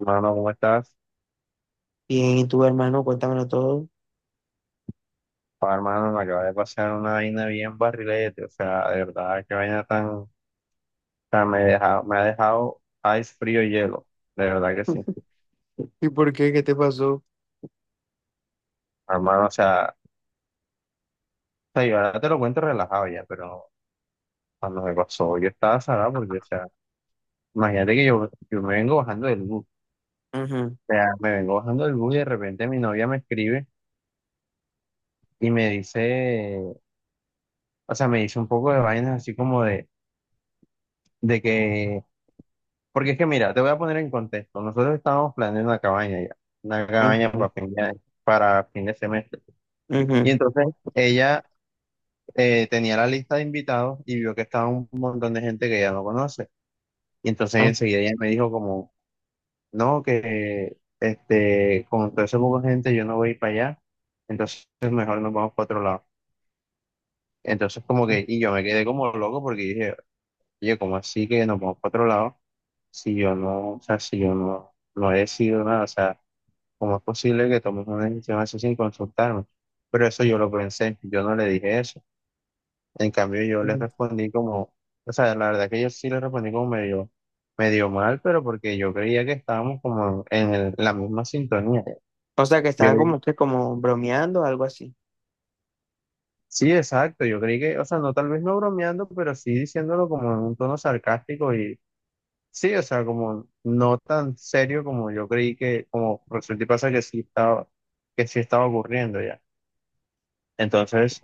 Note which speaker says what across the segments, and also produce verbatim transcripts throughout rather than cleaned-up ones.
Speaker 1: Hermano, ¿cómo estás?
Speaker 2: Bien, ¿y tú, hermano? Cuéntamelo todo.
Speaker 1: Pa, hermano, me acaba de pasar una vaina bien barrilete, o sea, de verdad, qué vaina tan, o sea me deja, me ha dejado ice frío y hielo, de verdad que sí.
Speaker 2: ¿Y por qué? ¿Qué te pasó?
Speaker 1: Hermano, o sea, o sea, yo ahora te lo cuento relajado ya, pero cuando me pasó, yo estaba salado porque, o sea, imagínate que yo, yo me vengo bajando del bus,
Speaker 2: Ujú,
Speaker 1: o sea, me vengo bajando del bus y de repente mi novia me escribe y me dice, o sea, me dice un poco de vainas así como de, de que porque es que mira, te voy a poner en contexto. Nosotros estábamos planeando una cabaña ya, una cabaña para
Speaker 2: ujú,
Speaker 1: fin de, para fin de semestre. Y
Speaker 2: ujú,
Speaker 1: entonces ella eh, tenía la lista de invitados y vio que estaba un montón de gente que ella no conoce. Y entonces
Speaker 2: ah,
Speaker 1: enseguida ella me dijo como, no, que este, con todo ese poco de gente yo no voy para allá, entonces mejor nos vamos para otro lado. Entonces como
Speaker 2: ujú,
Speaker 1: que, y yo me quedé como loco porque dije, oye, ¿cómo así que nos vamos para otro lado? Si yo no, o sea, si yo no, no he decidido nada, o sea, ¿cómo es posible que tomes una decisión así sin consultarme? Pero eso yo lo pensé, yo no le dije eso. En cambio, yo le
Speaker 2: ujú.
Speaker 1: respondí como, o sea, la verdad que yo sí le respondí como medio, medio mal, pero porque yo creía que estábamos como en el- la misma sintonía.
Speaker 2: O sea, que
Speaker 1: Yo,
Speaker 2: estaban
Speaker 1: le-
Speaker 2: como que como bromeando, o algo así.
Speaker 1: sí, exacto, yo creí que, o sea, no tal vez no bromeando, pero sí diciéndolo como en un tono sarcástico y sí, o sea, como no tan serio como yo creí que, como resulta y pasa que sí estaba, que sí estaba ocurriendo ya. Entonces...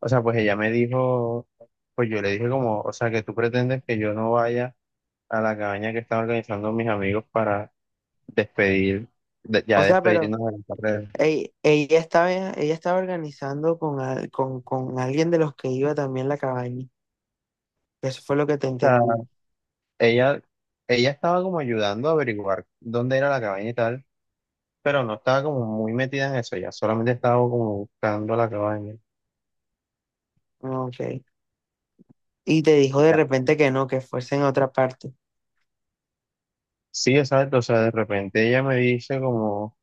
Speaker 1: o sea, pues ella me dijo, pues yo le dije como, o sea, que tú pretendes que yo no vaya a la cabaña que están organizando mis amigos para despedir, de- ya
Speaker 2: O sea, pero
Speaker 1: despedirnos de la carrera.
Speaker 2: ey, ella estaba, ella estaba organizando con, al- con, con alguien de los que iba también la cabaña. Eso fue lo que te
Speaker 1: O sea,
Speaker 2: entendí.
Speaker 1: ella, ella estaba como ayudando a averiguar dónde era la cabaña y tal, pero no estaba como muy metida en eso, ella solamente estaba como buscando la cabaña.
Speaker 2: Ah, ok. Y te dijo de
Speaker 1: Ya.
Speaker 2: repente que no, que fuese en otra parte.
Speaker 1: Sí, exacto, o sea, de repente ella me dice como,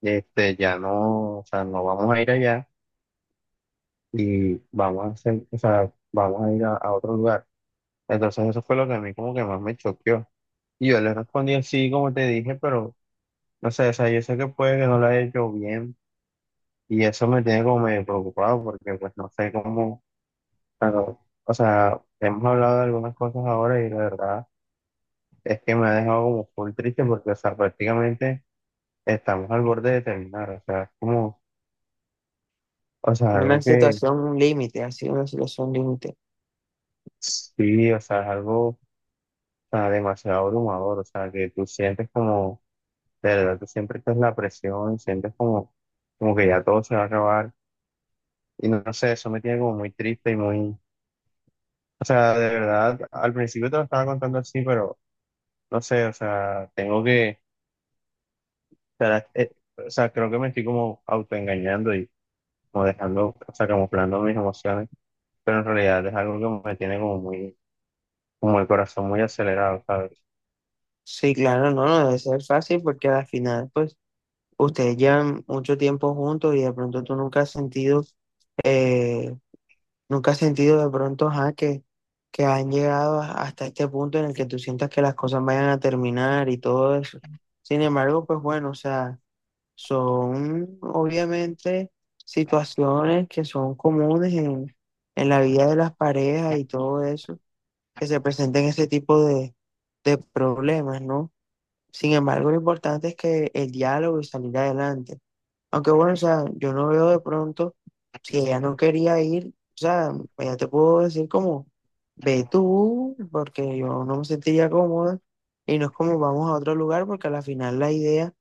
Speaker 1: este, ya no, o sea, no vamos a ir allá y vamos a hacer, o sea, vamos a ir a a otro lugar. Entonces eso fue lo que a mí como que más me choqueó. Y yo le respondí así como te dije, pero no sé, o sea, yo sé que puede que no lo haya hecho bien y eso me tiene como medio preocupado porque pues no sé cómo, pero, o sea, hemos hablado de algunas cosas ahora y la verdad es que me ha dejado como full triste porque, o sea, prácticamente estamos al borde de terminar, o sea, es como, o sea,
Speaker 2: Una
Speaker 1: algo que
Speaker 2: situación, un límite, así, una situación límite.
Speaker 1: sí, o sea, es algo, o sea, demasiado abrumador, o sea, que tú sientes como de verdad, tú siempre estás la presión, sientes como, como que ya todo se va a acabar. Y no, no sé, eso me tiene como muy triste y muy... O sea, de verdad, al principio te lo estaba contando así, pero no sé, o sea, tengo que... O sea, eh, o sea, creo que me estoy como autoengañando y como dejando, o sea, camuflando mis emociones, pero en realidad es algo que me tiene como muy, como el corazón muy acelerado, ¿sabes?
Speaker 2: Sí, claro, no, no debe ser fácil porque al final, pues, ustedes llevan mucho tiempo juntos y de pronto tú nunca has sentido, eh, nunca has sentido de pronto, ajá, que, que han llegado a- hasta este punto en el que tú sientas que las cosas vayan a terminar y todo eso. Sin embargo, pues bueno, o sea. Son obviamente situaciones que son comunes en, en la vida de las parejas y todo eso, que se presenten ese tipo de, de problemas, ¿no? Sin embargo, lo importante es que el diálogo y salir adelante. Aunque bueno, o sea, yo no veo de pronto si ella no quería ir, o sea, ella te puedo decir como, ve tú, porque yo no me sentiría cómoda y no es como vamos a otro lugar, porque a la final la idea,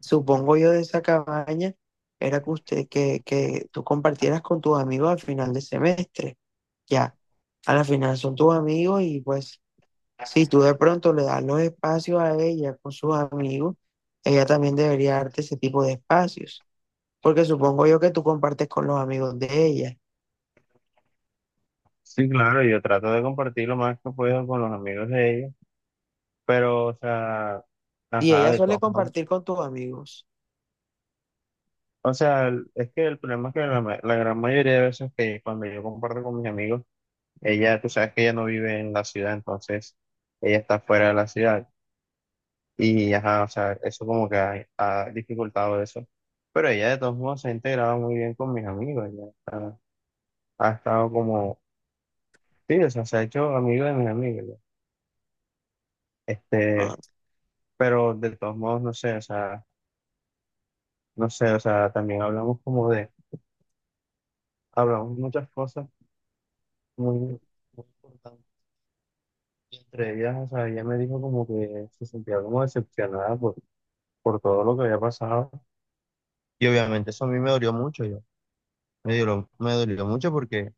Speaker 2: supongo yo, de esa cabaña era que usted, que, que tú compartieras con tus amigos al final de semestre. Ya, a la final son tus amigos y pues si tú de pronto le das los espacios a ella con sus amigos, ella también debería darte ese tipo de espacios. Porque supongo yo que tú compartes con los amigos de ella
Speaker 1: Sí, claro, yo trato de compartir lo más que puedo con los amigos de ella, pero, o sea,
Speaker 2: y
Speaker 1: ajá,
Speaker 2: ella
Speaker 1: de
Speaker 2: suele
Speaker 1: todos modos.
Speaker 2: compartir con tus amigos.
Speaker 1: O sea, el- es que el problema es que la, ma- la gran mayoría de veces que cuando yo comparto con mis amigos, ella, tú sabes que ella no vive en la ciudad, entonces ella está fuera de la ciudad. Y ajá, o sea, eso como que ha, ha dificultado eso. Pero ella de todos modos se ha integrado muy bien con mis amigos, ya está- ha estado como, sí, o sea, se ha hecho amigo de mis amigos, ya.
Speaker 2: Ah,
Speaker 1: Este, pero de todos modos, no sé, o sea, no sé, o sea, también hablamos como de, hablamos muchas cosas muy... muy importantes. Entre ellas, o sea, ella me dijo como que se sentía como decepcionada por, por todo lo que había pasado. Y obviamente eso a mí me dolió mucho, yo. Me dolió, me dolió mucho porque,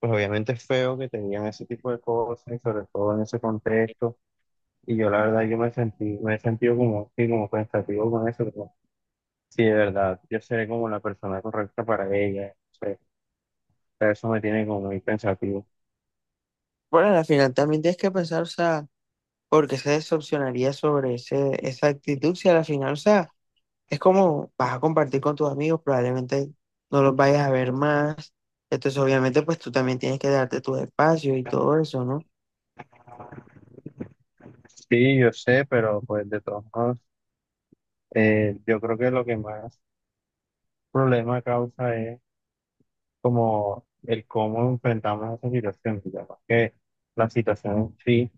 Speaker 1: pues obviamente es feo que te digan ese tipo de cosas, y sobre todo en ese contexto. Y yo la verdad, yo me sentí, me he sentido como, sí, como pensativo con eso. Como, sí, de verdad, yo seré como la persona correcta para ella. O sea, pero eso me tiene como muy pensativo.
Speaker 2: bueno, al final también tienes que pensar, o sea, por qué se decepcionaría sobre ese, esa actitud si a la final, o sea... Es como vas a compartir con tus amigos, probablemente no los vayas a ver más. Entonces, obviamente, pues tú también tienes que darte tus espacios y todo eso, ¿no?
Speaker 1: Sí, yo sé, pero pues de todos modos, eh, yo creo que lo que más problema causa es como el cómo enfrentamos esa situación, digamos que la situación en sí,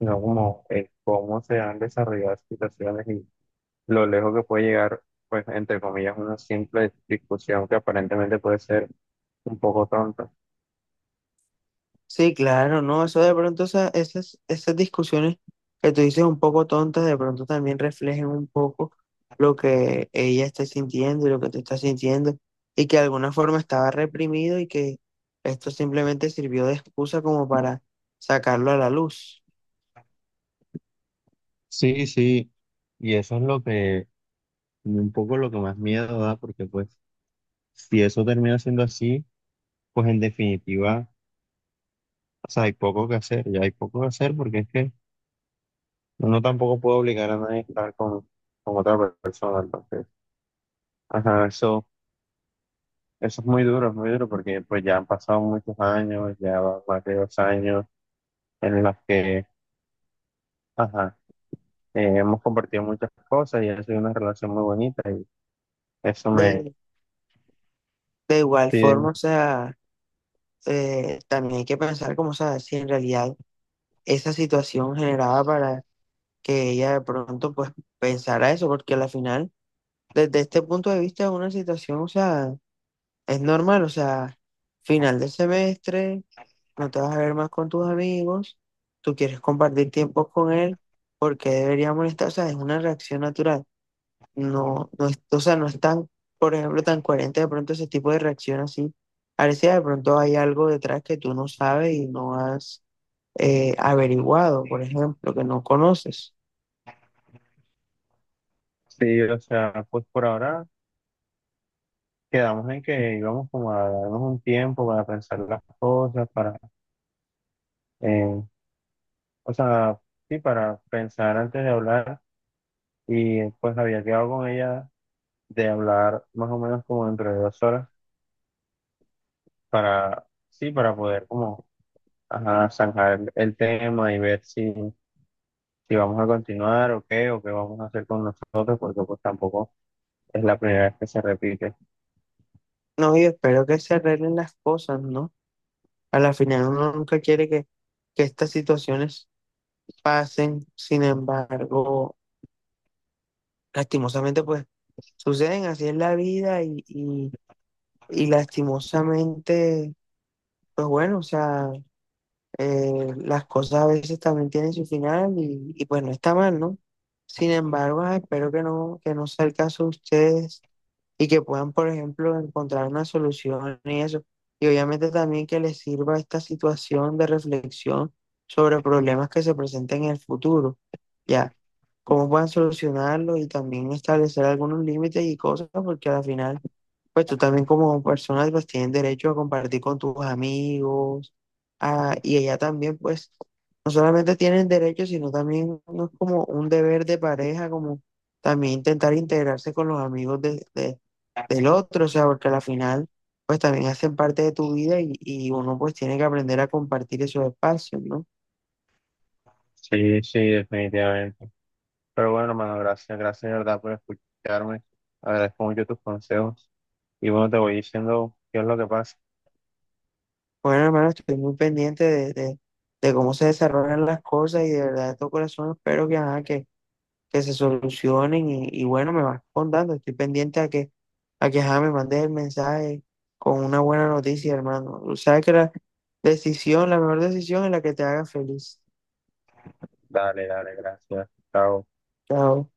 Speaker 1: no como el cómo se han desarrollado las situaciones y lo lejos que puede llegar, pues, entre comillas, una simple discusión que aparentemente puede ser un poco tonta.
Speaker 2: Sí, claro, ¿no? Eso de pronto, esa- esas, esas discusiones que tú dices un poco tontas, de pronto también reflejen un poco lo que ella está sintiendo y lo que tú estás sintiendo, y que de alguna forma estaba reprimido y que esto simplemente sirvió de excusa como para sacarlo a la luz.
Speaker 1: Sí, sí, y eso es lo que, un poco lo que más miedo da, porque pues si eso termina siendo así, pues en definitiva, o sea, hay poco que hacer, ya hay poco que hacer, porque es que uno tampoco puede obligar a nadie a estar con, con otra persona, entonces, ajá, eso, eso es muy duro, es muy duro porque pues ya han pasado muchos años, ya van más de dos años en las que, ajá, eh, hemos compartido muchas cosas y ha sido una relación muy bonita y eso me,
Speaker 2: De, de igual
Speaker 1: sí,
Speaker 2: forma, o sea... eh, también hay que pensar como, sabes, si en realidad esa situación generaba para que ella de pronto pues pensara eso, porque al final, desde este punto de vista, es una situación, o sea, es normal, o sea, final del semestre, no te vas a ver más con tus amigos, tú quieres compartir tiempo con él, ¿porque debería molestar? O sea, es una reacción natural, no, no es, o sea, no es tan, por ejemplo, tan coherente de pronto ese tipo de reacción así. Parece de pronto hay algo detrás que tú no sabes y no has eh, averiguado, por ejemplo, que no conoces.
Speaker 1: sí, o sea, pues por ahora quedamos en que íbamos como a darnos un tiempo para pensar las cosas, para, eh, o sea, sí, para pensar antes de hablar y pues había quedado con ella de hablar más o menos como dentro de dos horas para, sí, para poder como, ajá, zanjar el, el tema y ver si, si vamos a continuar o qué, o qué vamos a hacer con nosotros, porque pues tampoco es la primera vez que se repite.
Speaker 2: No, yo espero que se arreglen las cosas, ¿no? A la final uno nunca quiere que, que estas situaciones pasen, sin embargo, lastimosamente pues suceden, así es la vida y, y, y lastimosamente, pues bueno, o sea, eh, las cosas a veces también tienen su final y, y pues no está mal, ¿no? Sin embargo, ah, espero que no, que no sea el caso de ustedes, y que puedan, por ejemplo, encontrar una solución y eso. Y obviamente también que les sirva esta situación de reflexión sobre problemas que se presenten en el futuro, ¿ya? Cómo puedan solucionarlo y también establecer algunos límites y cosas, porque al final, pues tú también como persona pues tienes derecho a compartir con tus amigos, a- y ella también pues no solamente tienen derecho, sino también no es como un deber de pareja, como también intentar integrarse con los amigos de, de- del otro, o sea, porque al final pues también hacen parte de tu vida y, y uno pues tiene que aprender a compartir esos espacios, ¿no?
Speaker 1: Sí, sí, definitivamente. Pero bueno, hermano, gracias, gracias de verdad por escucharme. Agradezco mucho tus consejos. Y bueno, te voy diciendo qué es lo que pasa.
Speaker 2: Bueno, hermano, estoy muy pendiente de, de, de cómo se desarrollan las cosas y de verdad de todo corazón espero que, ajá, que, que se solucionen y, y bueno, me vas contando, estoy pendiente a que, a que ajá, me mandes el mensaje con una buena noticia, hermano. Sabes que la decisión, la mejor decisión es la que te haga feliz.
Speaker 1: Dale, dale, gracias. Chao.
Speaker 2: Chao.